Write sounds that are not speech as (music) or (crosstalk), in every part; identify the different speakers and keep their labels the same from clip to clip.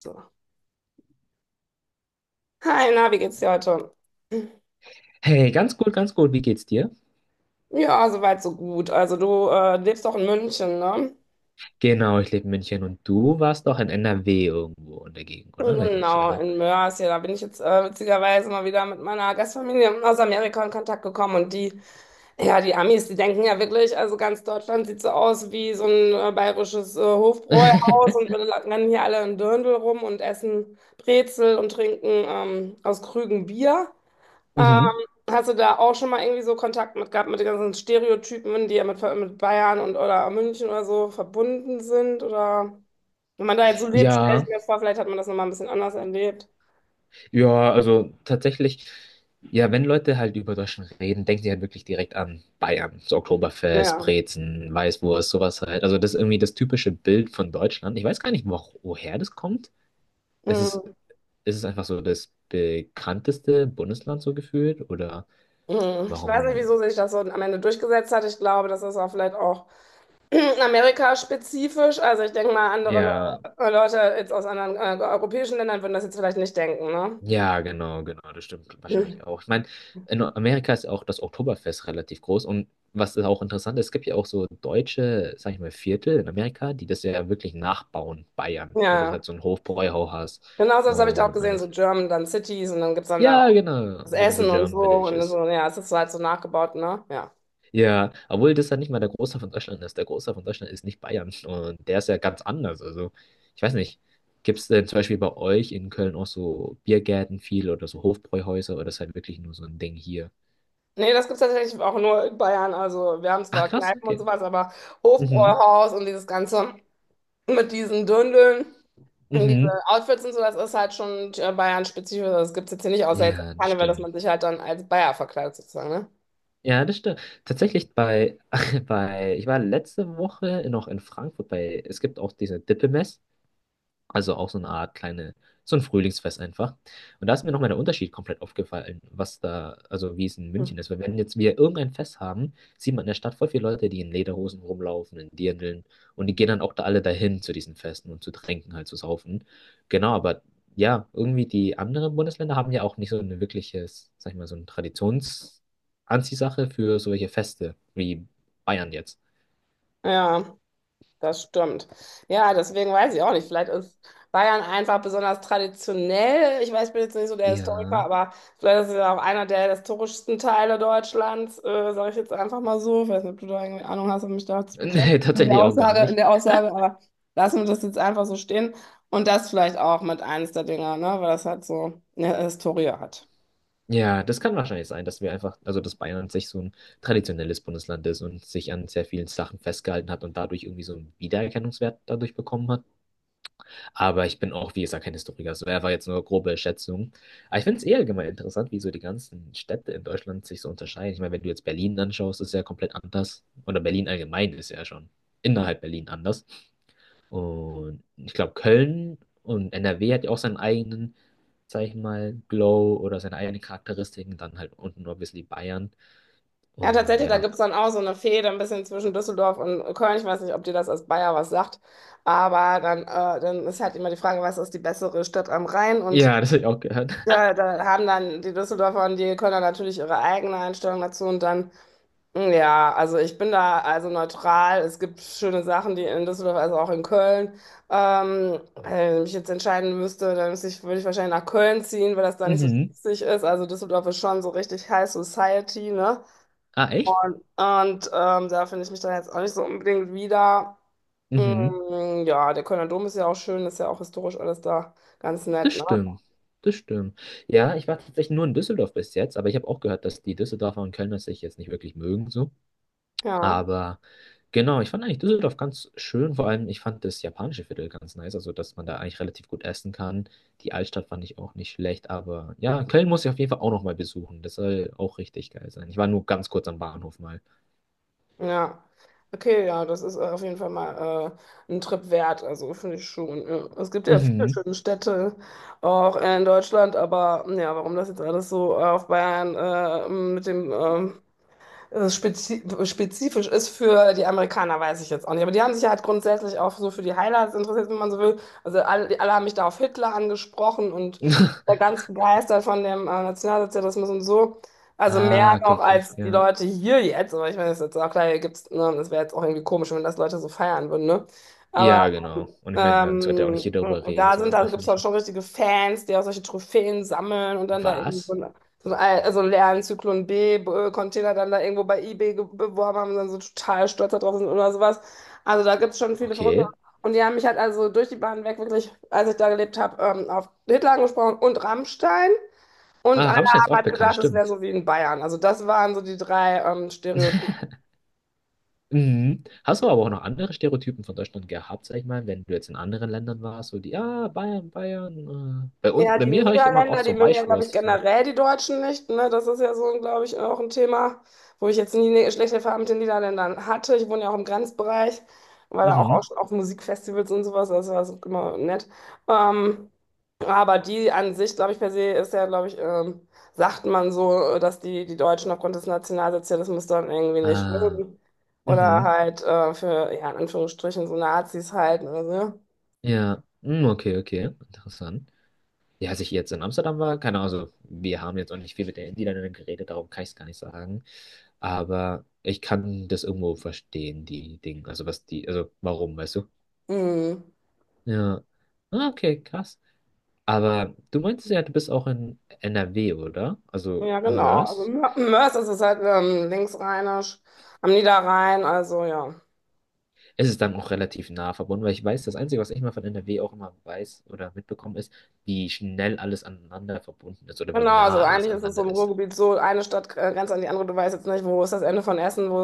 Speaker 1: So. Hi, na, wie geht's dir heute?
Speaker 2: Hey, ganz gut, ganz gut. Wie geht's dir?
Speaker 1: Ja, soweit, so gut. Also du lebst doch in München, ne?
Speaker 2: Genau, ich lebe in München und du warst doch in NRW irgendwo in der Gegend, oder? Wenn ich mich nicht
Speaker 1: Genau,
Speaker 2: irre.
Speaker 1: in Mörs. Ja, da bin ich jetzt witzigerweise mal wieder mit meiner Gastfamilie aus Amerika in Kontakt gekommen ja, die Amis, die denken ja wirklich, also ganz Deutschland sieht so aus wie so ein bayerisches Hofbräuhaus und wir
Speaker 2: (laughs)
Speaker 1: rennen hier alle in Dirndl rum und essen Brezel und trinken aus Krügen Bier. Ähm,
Speaker 2: Mhm.
Speaker 1: hast du da auch schon mal irgendwie so Kontakt mit gehabt, mit den ganzen Stereotypen, die ja mit Bayern und oder München oder so verbunden sind? Oder wenn man da jetzt so lebt, stelle ich
Speaker 2: Ja,
Speaker 1: mir vor, vielleicht hat man das nochmal ein bisschen anders erlebt.
Speaker 2: ja, also tatsächlich, ja, wenn Leute halt über Deutschland reden, denken sie halt wirklich direkt an Bayern. So Oktoberfest,
Speaker 1: Ja.
Speaker 2: Brezen, Weißwurst, sowas halt. Also das ist irgendwie das typische Bild von Deutschland. Ich weiß gar nicht, woher das kommt. Es ist,
Speaker 1: Mhm.
Speaker 2: Es ist einfach so das bekannteste Bundesland so gefühlt oder
Speaker 1: Mhm. Ich weiß nicht,
Speaker 2: warum?
Speaker 1: wieso sich das so am Ende durchgesetzt hat. Ich glaube, das ist auch vielleicht auch (clears throat) Amerika-spezifisch. Also ich denke mal, andere Le
Speaker 2: Ja,
Speaker 1: Leute jetzt aus anderen europäischen Ländern würden das jetzt vielleicht nicht denken, ne?
Speaker 2: ja, genau, das stimmt
Speaker 1: Mhm.
Speaker 2: wahrscheinlich auch. Ich meine, in Amerika ist ja auch das Oktoberfest relativ groß und was da auch interessant ist, es gibt ja auch so deutsche, sag ich mal, Viertel in Amerika, die das ja wirklich nachbauen, Bayern,
Speaker 1: Ja,
Speaker 2: wo du halt
Speaker 1: ja.
Speaker 2: so einen Hofbräuhaus hast
Speaker 1: Genauso, das habe ich da auch
Speaker 2: und
Speaker 1: gesehen, so
Speaker 2: alles.
Speaker 1: German, dann Cities und dann gibt es dann da
Speaker 2: Ja,
Speaker 1: auch.
Speaker 2: genau,
Speaker 1: Das
Speaker 2: genau so
Speaker 1: Essen und so
Speaker 2: German
Speaker 1: und
Speaker 2: Villages.
Speaker 1: so, ja, es ist halt so nachgebaut, ne? Ja.
Speaker 2: Ja, obwohl das ja nicht mal der Großteil von Deutschland ist. Der Großteil von Deutschland ist nicht Bayern und der ist ja ganz anders. Also, ich weiß nicht, gibt es denn zum Beispiel bei euch in Köln auch so Biergärten viel oder so Hofbräuhäuser oder ist halt wirklich nur so ein Ding hier?
Speaker 1: Nee, das gibt's tatsächlich auch nur in Bayern. Also wir haben
Speaker 2: Ach
Speaker 1: zwar
Speaker 2: krass,
Speaker 1: Kneipen und
Speaker 2: okay.
Speaker 1: sowas, aber
Speaker 2: Mhm.
Speaker 1: Hofbräuhaus und dieses Ganze mit diesen Döndeln und diese
Speaker 2: Mhm.
Speaker 1: Outfits und so, das ist halt schon Bayern-spezifisch. Also, das gibt's jetzt hier nicht, außer jetzt auf
Speaker 2: Ja, das
Speaker 1: Karneval, dass
Speaker 2: stimmt.
Speaker 1: man sich halt dann als Bayer verkleidet sozusagen, ne?
Speaker 2: Ja, das stimmt. Tatsächlich (laughs) bei, ich war letzte Woche noch in Frankfurt bei, es gibt auch diese Dippemess. Also auch so eine Art kleine, so ein Frühlingsfest einfach. Und da ist mir nochmal der Unterschied komplett aufgefallen, was da, also wie es in
Speaker 1: Hm.
Speaker 2: München ist. Weil wenn jetzt wir irgendein Fest haben, sieht man in der Stadt voll viele Leute, die in Lederhosen rumlaufen, in Dirndeln. Und die gehen dann auch da alle dahin zu diesen Festen und zu trinken, halt zu saufen. Genau, aber ja, irgendwie die anderen Bundesländer haben ja auch nicht so eine wirkliches, sag ich mal, so eine Traditionsanziehsache für solche Feste, wie Bayern jetzt.
Speaker 1: Ja. Das stimmt. Ja, deswegen weiß ich auch nicht. Vielleicht ist Bayern einfach besonders traditionell. Ich weiß, ich bin jetzt nicht so der Historiker,
Speaker 2: Ja,
Speaker 1: aber vielleicht ist es ja auch einer der historischsten Teile Deutschlands, sage ich jetzt einfach mal so. Ich weiß nicht, ob du da irgendwie Ahnung hast, um mich da zu
Speaker 2: (laughs) nee,
Speaker 1: bekräftigen in der
Speaker 2: tatsächlich auch gar
Speaker 1: Aussage, in
Speaker 2: nicht.
Speaker 1: der Aussage, aber lassen wir das jetzt einfach so stehen. Und das vielleicht auch mit eines der Dinger, ne? Weil das halt so eine Historie hat.
Speaker 2: Ja, das kann wahrscheinlich sein, dass wir einfach, also dass Bayern an sich so ein traditionelles Bundesland ist und sich an sehr vielen Sachen festgehalten hat und dadurch irgendwie so einen Wiedererkennungswert dadurch bekommen hat. Aber ich bin auch, wie gesagt, kein Historiker. Es wäre jetzt nur grobe Schätzung. Aber ich finde es eh allgemein interessant, wie so die ganzen Städte in Deutschland sich so unterscheiden. Ich meine, wenn du jetzt Berlin anschaust, ist ja komplett anders. Oder Berlin allgemein ist ja schon innerhalb Berlin anders. Und ich glaube, Köln und NRW hat ja auch seinen eigenen, sag ich mal, Glow oder seine eigenen Charakteristiken. Dann halt unten nur ein die Bayern.
Speaker 1: Ja,
Speaker 2: Und
Speaker 1: tatsächlich, da
Speaker 2: ja.
Speaker 1: gibt's dann auch so eine Fehde ein bisschen zwischen Düsseldorf und Köln. Ich weiß nicht, ob dir das als Bayer was sagt, aber dann ist halt immer die Frage, was ist die bessere Stadt am Rhein? Und
Speaker 2: Ja, (laughs) das habe ich auch gehört. (laughs)
Speaker 1: da haben dann die Düsseldorfer und die Kölner natürlich ihre eigene Einstellung dazu. Und dann, mh, ja, also ich bin da also neutral. Es gibt schöne Sachen, die in Düsseldorf, also auch in Köln. Wenn ich mich jetzt entscheiden müsste, dann würde ich wahrscheinlich nach Köln ziehen, weil das da nicht so
Speaker 2: Mhm.
Speaker 1: witzig ist. Also Düsseldorf ist schon so richtig High Society, ne?
Speaker 2: Ah, echt?
Speaker 1: Da finde ich mich dann jetzt auch nicht so unbedingt wieder.
Speaker 2: Mhm.
Speaker 1: Mm, ja, der Kölner Dom ist ja auch schön, ist ja auch historisch alles da ganz nett,
Speaker 2: Das
Speaker 1: ne?
Speaker 2: stimmt. Das stimmt. Ja, ich war tatsächlich nur in Düsseldorf bis jetzt, aber ich habe auch gehört, dass die Düsseldorfer und Kölner sich jetzt nicht wirklich mögen, so.
Speaker 1: Ja,
Speaker 2: Aber genau, ich fand eigentlich Düsseldorf ganz schön. Vor allem, ich fand das japanische Viertel ganz nice. Also, dass man da eigentlich relativ gut essen kann. Die Altstadt fand ich auch nicht schlecht. Aber ja, Köln muss ich auf jeden Fall auch nochmal besuchen. Das soll auch richtig geil sein. Ich war nur ganz kurz am Bahnhof mal.
Speaker 1: ja. Okay, ja, das ist auf jeden Fall mal ein Trip wert, also finde ich schon. Ja. Es gibt ja viele
Speaker 2: Mhm.
Speaker 1: schöne Städte auch in Deutschland, aber ja, warum das jetzt alles so auf Bayern mit dem spezifisch ist für die Amerikaner, weiß ich jetzt auch nicht. Aber die haben sich ja halt grundsätzlich auch so für die Highlights interessiert, wenn man so will. Also alle haben mich da auf Hitler angesprochen und war
Speaker 2: (laughs)
Speaker 1: ganz begeistert von dem Nationalsozialismus und so. Also mehr
Speaker 2: Ah,
Speaker 1: noch
Speaker 2: okay, krass,
Speaker 1: als die
Speaker 2: ja.
Speaker 1: Leute hier jetzt. Aber ich meine, das ist jetzt auch klar, hier gibt's, ne, das wäre jetzt auch irgendwie komisch, wenn das Leute so feiern würden, ne? Aber
Speaker 2: Ja, genau. Und ich meine, man sollte auch nicht hier
Speaker 1: ähm,
Speaker 2: darüber reden, so im
Speaker 1: da gibt es auch
Speaker 2: Öffentlichen.
Speaker 1: schon richtige Fans, die auch solche Trophäen sammeln und dann da irgendwie
Speaker 2: Was?
Speaker 1: also leeren Zyklon B Container dann da irgendwo bei eBay beworben haben und dann so total stolz da sind oder sowas. Also da gibt es schon viele Verrückte.
Speaker 2: Okay.
Speaker 1: Und die haben mich halt also durch die Bahn weg wirklich, als ich da gelebt habe, auf Hitler angesprochen und Rammstein. Und
Speaker 2: Ah,
Speaker 1: alle
Speaker 2: Rammstein ist
Speaker 1: haben
Speaker 2: auch
Speaker 1: halt
Speaker 2: bekannt,
Speaker 1: gedacht, das wäre
Speaker 2: stimmt.
Speaker 1: so wie in Bayern. Also das waren so die drei Stereotypen.
Speaker 2: Mhm. Hast du aber auch noch andere Stereotypen von Deutschland gehabt, sag ich mal, wenn du jetzt in anderen Ländern warst, so die, ja, Bayern, Bayern. Bei uns,
Speaker 1: Ja,
Speaker 2: bei
Speaker 1: die
Speaker 2: mir höre ich immer auch
Speaker 1: Niederländer, die
Speaker 2: so
Speaker 1: mögen ja, glaube ich,
Speaker 2: Weichwurst, so.
Speaker 1: generell die Deutschen nicht. Ne? Das ist ja so, glaube ich, auch ein Thema, wo ich jetzt nie eine schlechte Erfahrung mit den Niederländern hatte. Ich wohne ja auch im Grenzbereich, war auch
Speaker 2: Mhm.
Speaker 1: schon auf Musikfestivals und sowas, das war so immer nett. Ähm, aber die an sich, glaube ich, per se ist ja, glaube ich, sagt man so, dass die Deutschen aufgrund des Nationalsozialismus dann irgendwie nicht
Speaker 2: Äh,
Speaker 1: mögen. Oder
Speaker 2: mhm.
Speaker 1: halt ja, in Anführungsstrichen, so Nazis halt. Also,
Speaker 2: Ja, mm, okay, okay, interessant. Ja, als ich jetzt in Amsterdam war, keine Ahnung, also wir haben jetzt auch nicht viel mit den Niederländern geredet, darum kann ich es gar nicht sagen. Aber ich kann das irgendwo verstehen, die Dinge, also was die, also warum, weißt du?
Speaker 1: mhm.
Speaker 2: Ja. Ah, okay, krass. Aber du meintest ja, du bist auch in NRW, oder? Also
Speaker 1: Ja,
Speaker 2: in
Speaker 1: genau. Also
Speaker 2: Mörs.
Speaker 1: Mörs ist es halt linksrheinisch, am Niederrhein, also ja.
Speaker 2: Es ist dann auch relativ nah verbunden, weil ich weiß, das Einzige, was ich mal von NRW auch immer weiß oder mitbekommen ist, wie schnell alles aneinander verbunden ist oder wie
Speaker 1: Genau, also
Speaker 2: nah alles
Speaker 1: eigentlich ist es so
Speaker 2: aneinander
Speaker 1: im
Speaker 2: ist.
Speaker 1: Ruhrgebiet so, eine Stadt grenzt an die andere, du weißt jetzt nicht, wo ist das Ende von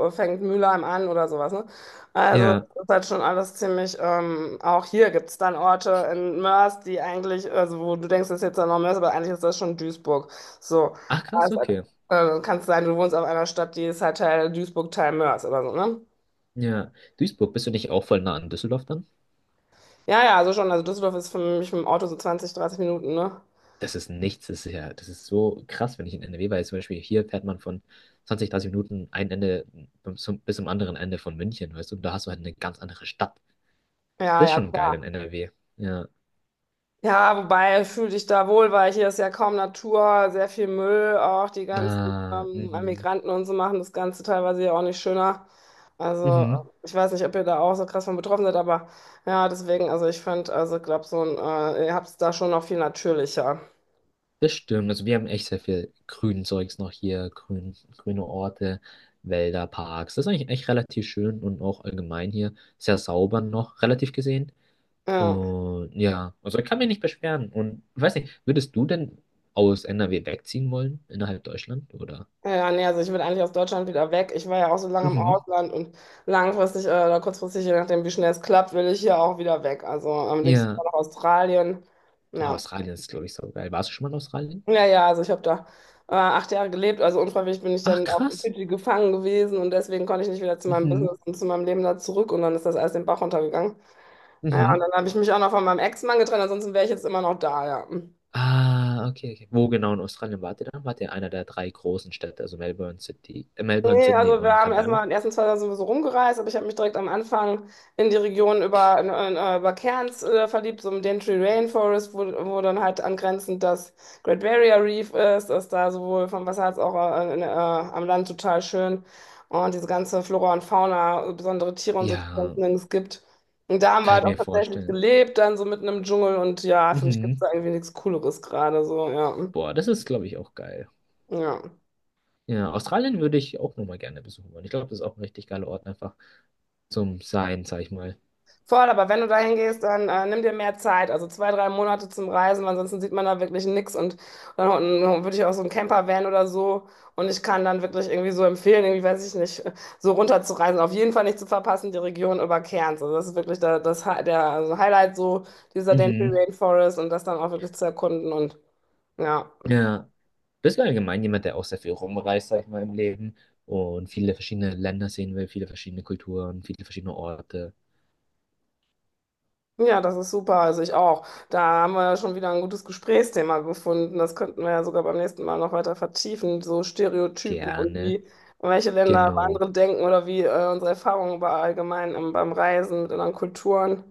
Speaker 1: wo fängt Mülheim an oder sowas, ne? Also
Speaker 2: Ja.
Speaker 1: das ist halt schon alles ziemlich, auch hier gibt es dann Orte in Mörs, die eigentlich, also wo du denkst, das ist jetzt dann noch Mörs, aber eigentlich ist das schon Duisburg. So,
Speaker 2: Ach krass,
Speaker 1: also,
Speaker 2: okay.
Speaker 1: kann es sein, du wohnst auf einer Stadt, die ist halt Teil Duisburg, Teil Mörs oder so, ne?
Speaker 2: Ja. Duisburg, bist du nicht auch voll nah an Düsseldorf dann?
Speaker 1: Ja, ja, also schon. Also Düsseldorf ist für mich mit dem Auto so 20, 30 Minuten, ne?
Speaker 2: Das ist nichts, das ist ja, das ist so krass, wenn ich in NRW war. Jetzt zum Beispiel hier fährt man von 20, 30 Minuten ein Ende bis zum anderen Ende von München, weißt du? Und da hast du halt eine ganz andere Stadt.
Speaker 1: Ja,
Speaker 2: Das ist
Speaker 1: ja,
Speaker 2: schon geil in
Speaker 1: klar.
Speaker 2: NRW. Ja.
Speaker 1: Ja, wobei fühle dich da wohl, weil hier ist ja kaum Natur, sehr viel Müll, auch die ganzen
Speaker 2: Ah, mhm.
Speaker 1: Migranten und so machen das Ganze teilweise ja auch nicht schöner. Also
Speaker 2: Mhm.
Speaker 1: ich weiß nicht, ob ihr da auch so krass von betroffen seid, aber ja, deswegen, also ich fand, also glaube ihr habt es da schon noch viel natürlicher.
Speaker 2: Das stimmt. Also wir haben echt sehr viel grünen Zeugs noch hier, grüne Orte, Wälder, Parks. Das ist eigentlich echt relativ schön und auch allgemein hier sehr sauber noch, relativ gesehen.
Speaker 1: Ja.
Speaker 2: Und ja, also ich kann mich nicht beschweren. Und weiß nicht, würdest du denn aus NRW wegziehen wollen, innerhalb Deutschland, oder?
Speaker 1: Ja, nee, also ich will eigentlich aus Deutschland wieder weg. Ich war ja auch so lange im
Speaker 2: Mhm.
Speaker 1: Ausland und langfristig oder kurzfristig, je nachdem, wie schnell es klappt, will ich hier auch wieder weg. Also am liebsten
Speaker 2: Ja.
Speaker 1: nach Australien.
Speaker 2: Oh,
Speaker 1: Ja,
Speaker 2: Australien ist, glaube ich, so geil. Warst du schon mal in Australien?
Speaker 1: ja, also ich habe da 8 Jahre gelebt, also unfreiwillig bin ich
Speaker 2: Ach,
Speaker 1: dann auf
Speaker 2: krass.
Speaker 1: Fidschi gefangen gewesen und deswegen konnte ich nicht wieder zu meinem
Speaker 2: Mhm.
Speaker 1: Business und zu meinem Leben da zurück und dann ist das alles den Bach runtergegangen. Ja, und
Speaker 2: Mhm.
Speaker 1: dann habe ich mich auch noch von meinem Ex-Mann getrennt, ansonsten wäre ich jetzt immer noch da, ja.
Speaker 2: Ah, okay, okay. Wo genau in Australien wart ihr dann? Wart ihr in einer der drei großen Städte, also Melbourne,
Speaker 1: Nee,
Speaker 2: Sydney
Speaker 1: also wir
Speaker 2: und
Speaker 1: haben erstmal
Speaker 2: Canberra?
Speaker 1: in den ersten zwei Tagen sowieso rumgereist, aber ich habe mich direkt am Anfang in die Region über Cairns verliebt, so im Daintree Rainforest, wo dann halt angrenzend das Great Barrier Reef ist, ist da sowohl vom Wasser als auch am Land total schön. Und diese ganze Flora und Fauna, besondere Tiere und so, die es
Speaker 2: Ja,
Speaker 1: sonst nirgends gibt. Und da haben wir
Speaker 2: kann ich
Speaker 1: halt auch
Speaker 2: mir
Speaker 1: tatsächlich
Speaker 2: vorstellen.
Speaker 1: gelebt, dann so mitten im Dschungel und ja, für mich gibt es
Speaker 2: Mhm.
Speaker 1: da irgendwie nichts Cooleres gerade so, ja.
Speaker 2: Boah, das ist, glaube ich, auch geil.
Speaker 1: Ja.
Speaker 2: Ja, Australien würde ich auch nochmal gerne besuchen wollen. Ich glaube, das ist auch ein richtig geiler Ort einfach zum Sein, sag ich mal.
Speaker 1: Voll, aber wenn du dahin gehst, dann nimm dir mehr Zeit, also 2, 3 Monate zum Reisen, weil ansonsten sieht man da wirklich nichts und dann würde ich auch so einen Camper-Van oder so und ich kann dann wirklich irgendwie so empfehlen, irgendwie weiß ich nicht, so runterzureisen, auf jeden Fall nicht zu verpassen, die Region über Cairns, also das ist wirklich da, das, Hi- der also Highlight so dieser Denali
Speaker 2: Mhm.
Speaker 1: Rainforest und das dann auch wirklich zu erkunden und ja.
Speaker 2: Ja. Bist du allgemein jemand, der auch sehr viel rumreist, sag ich mal, im Leben und viele verschiedene Länder sehen will, viele verschiedene Kulturen, viele verschiedene Orte?
Speaker 1: Ja, das ist super. Also ich auch. Da haben wir ja schon wieder ein gutes Gesprächsthema gefunden. Das könnten wir ja sogar beim nächsten Mal noch weiter vertiefen. So Stereotypen und
Speaker 2: Gerne.
Speaker 1: wie welche Länder über
Speaker 2: Genau.
Speaker 1: andere denken oder wie unsere Erfahrungen über allgemein beim Reisen mit anderen Kulturen.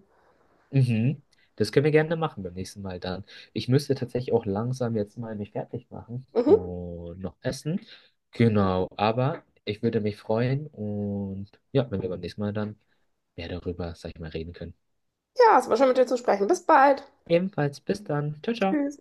Speaker 2: Mhm. Das können wir gerne machen beim nächsten Mal dann. Ich müsste tatsächlich auch langsam jetzt mal mich fertig machen
Speaker 1: Mhm.
Speaker 2: und noch essen. Genau, aber ich würde mich freuen und ja, wenn wir beim nächsten Mal dann mehr darüber, sag ich mal, reden können.
Speaker 1: Ja, es war schön mit dir zu sprechen. Bis bald.
Speaker 2: Ebenfalls bis dann. Ciao, ciao.
Speaker 1: Tschüss.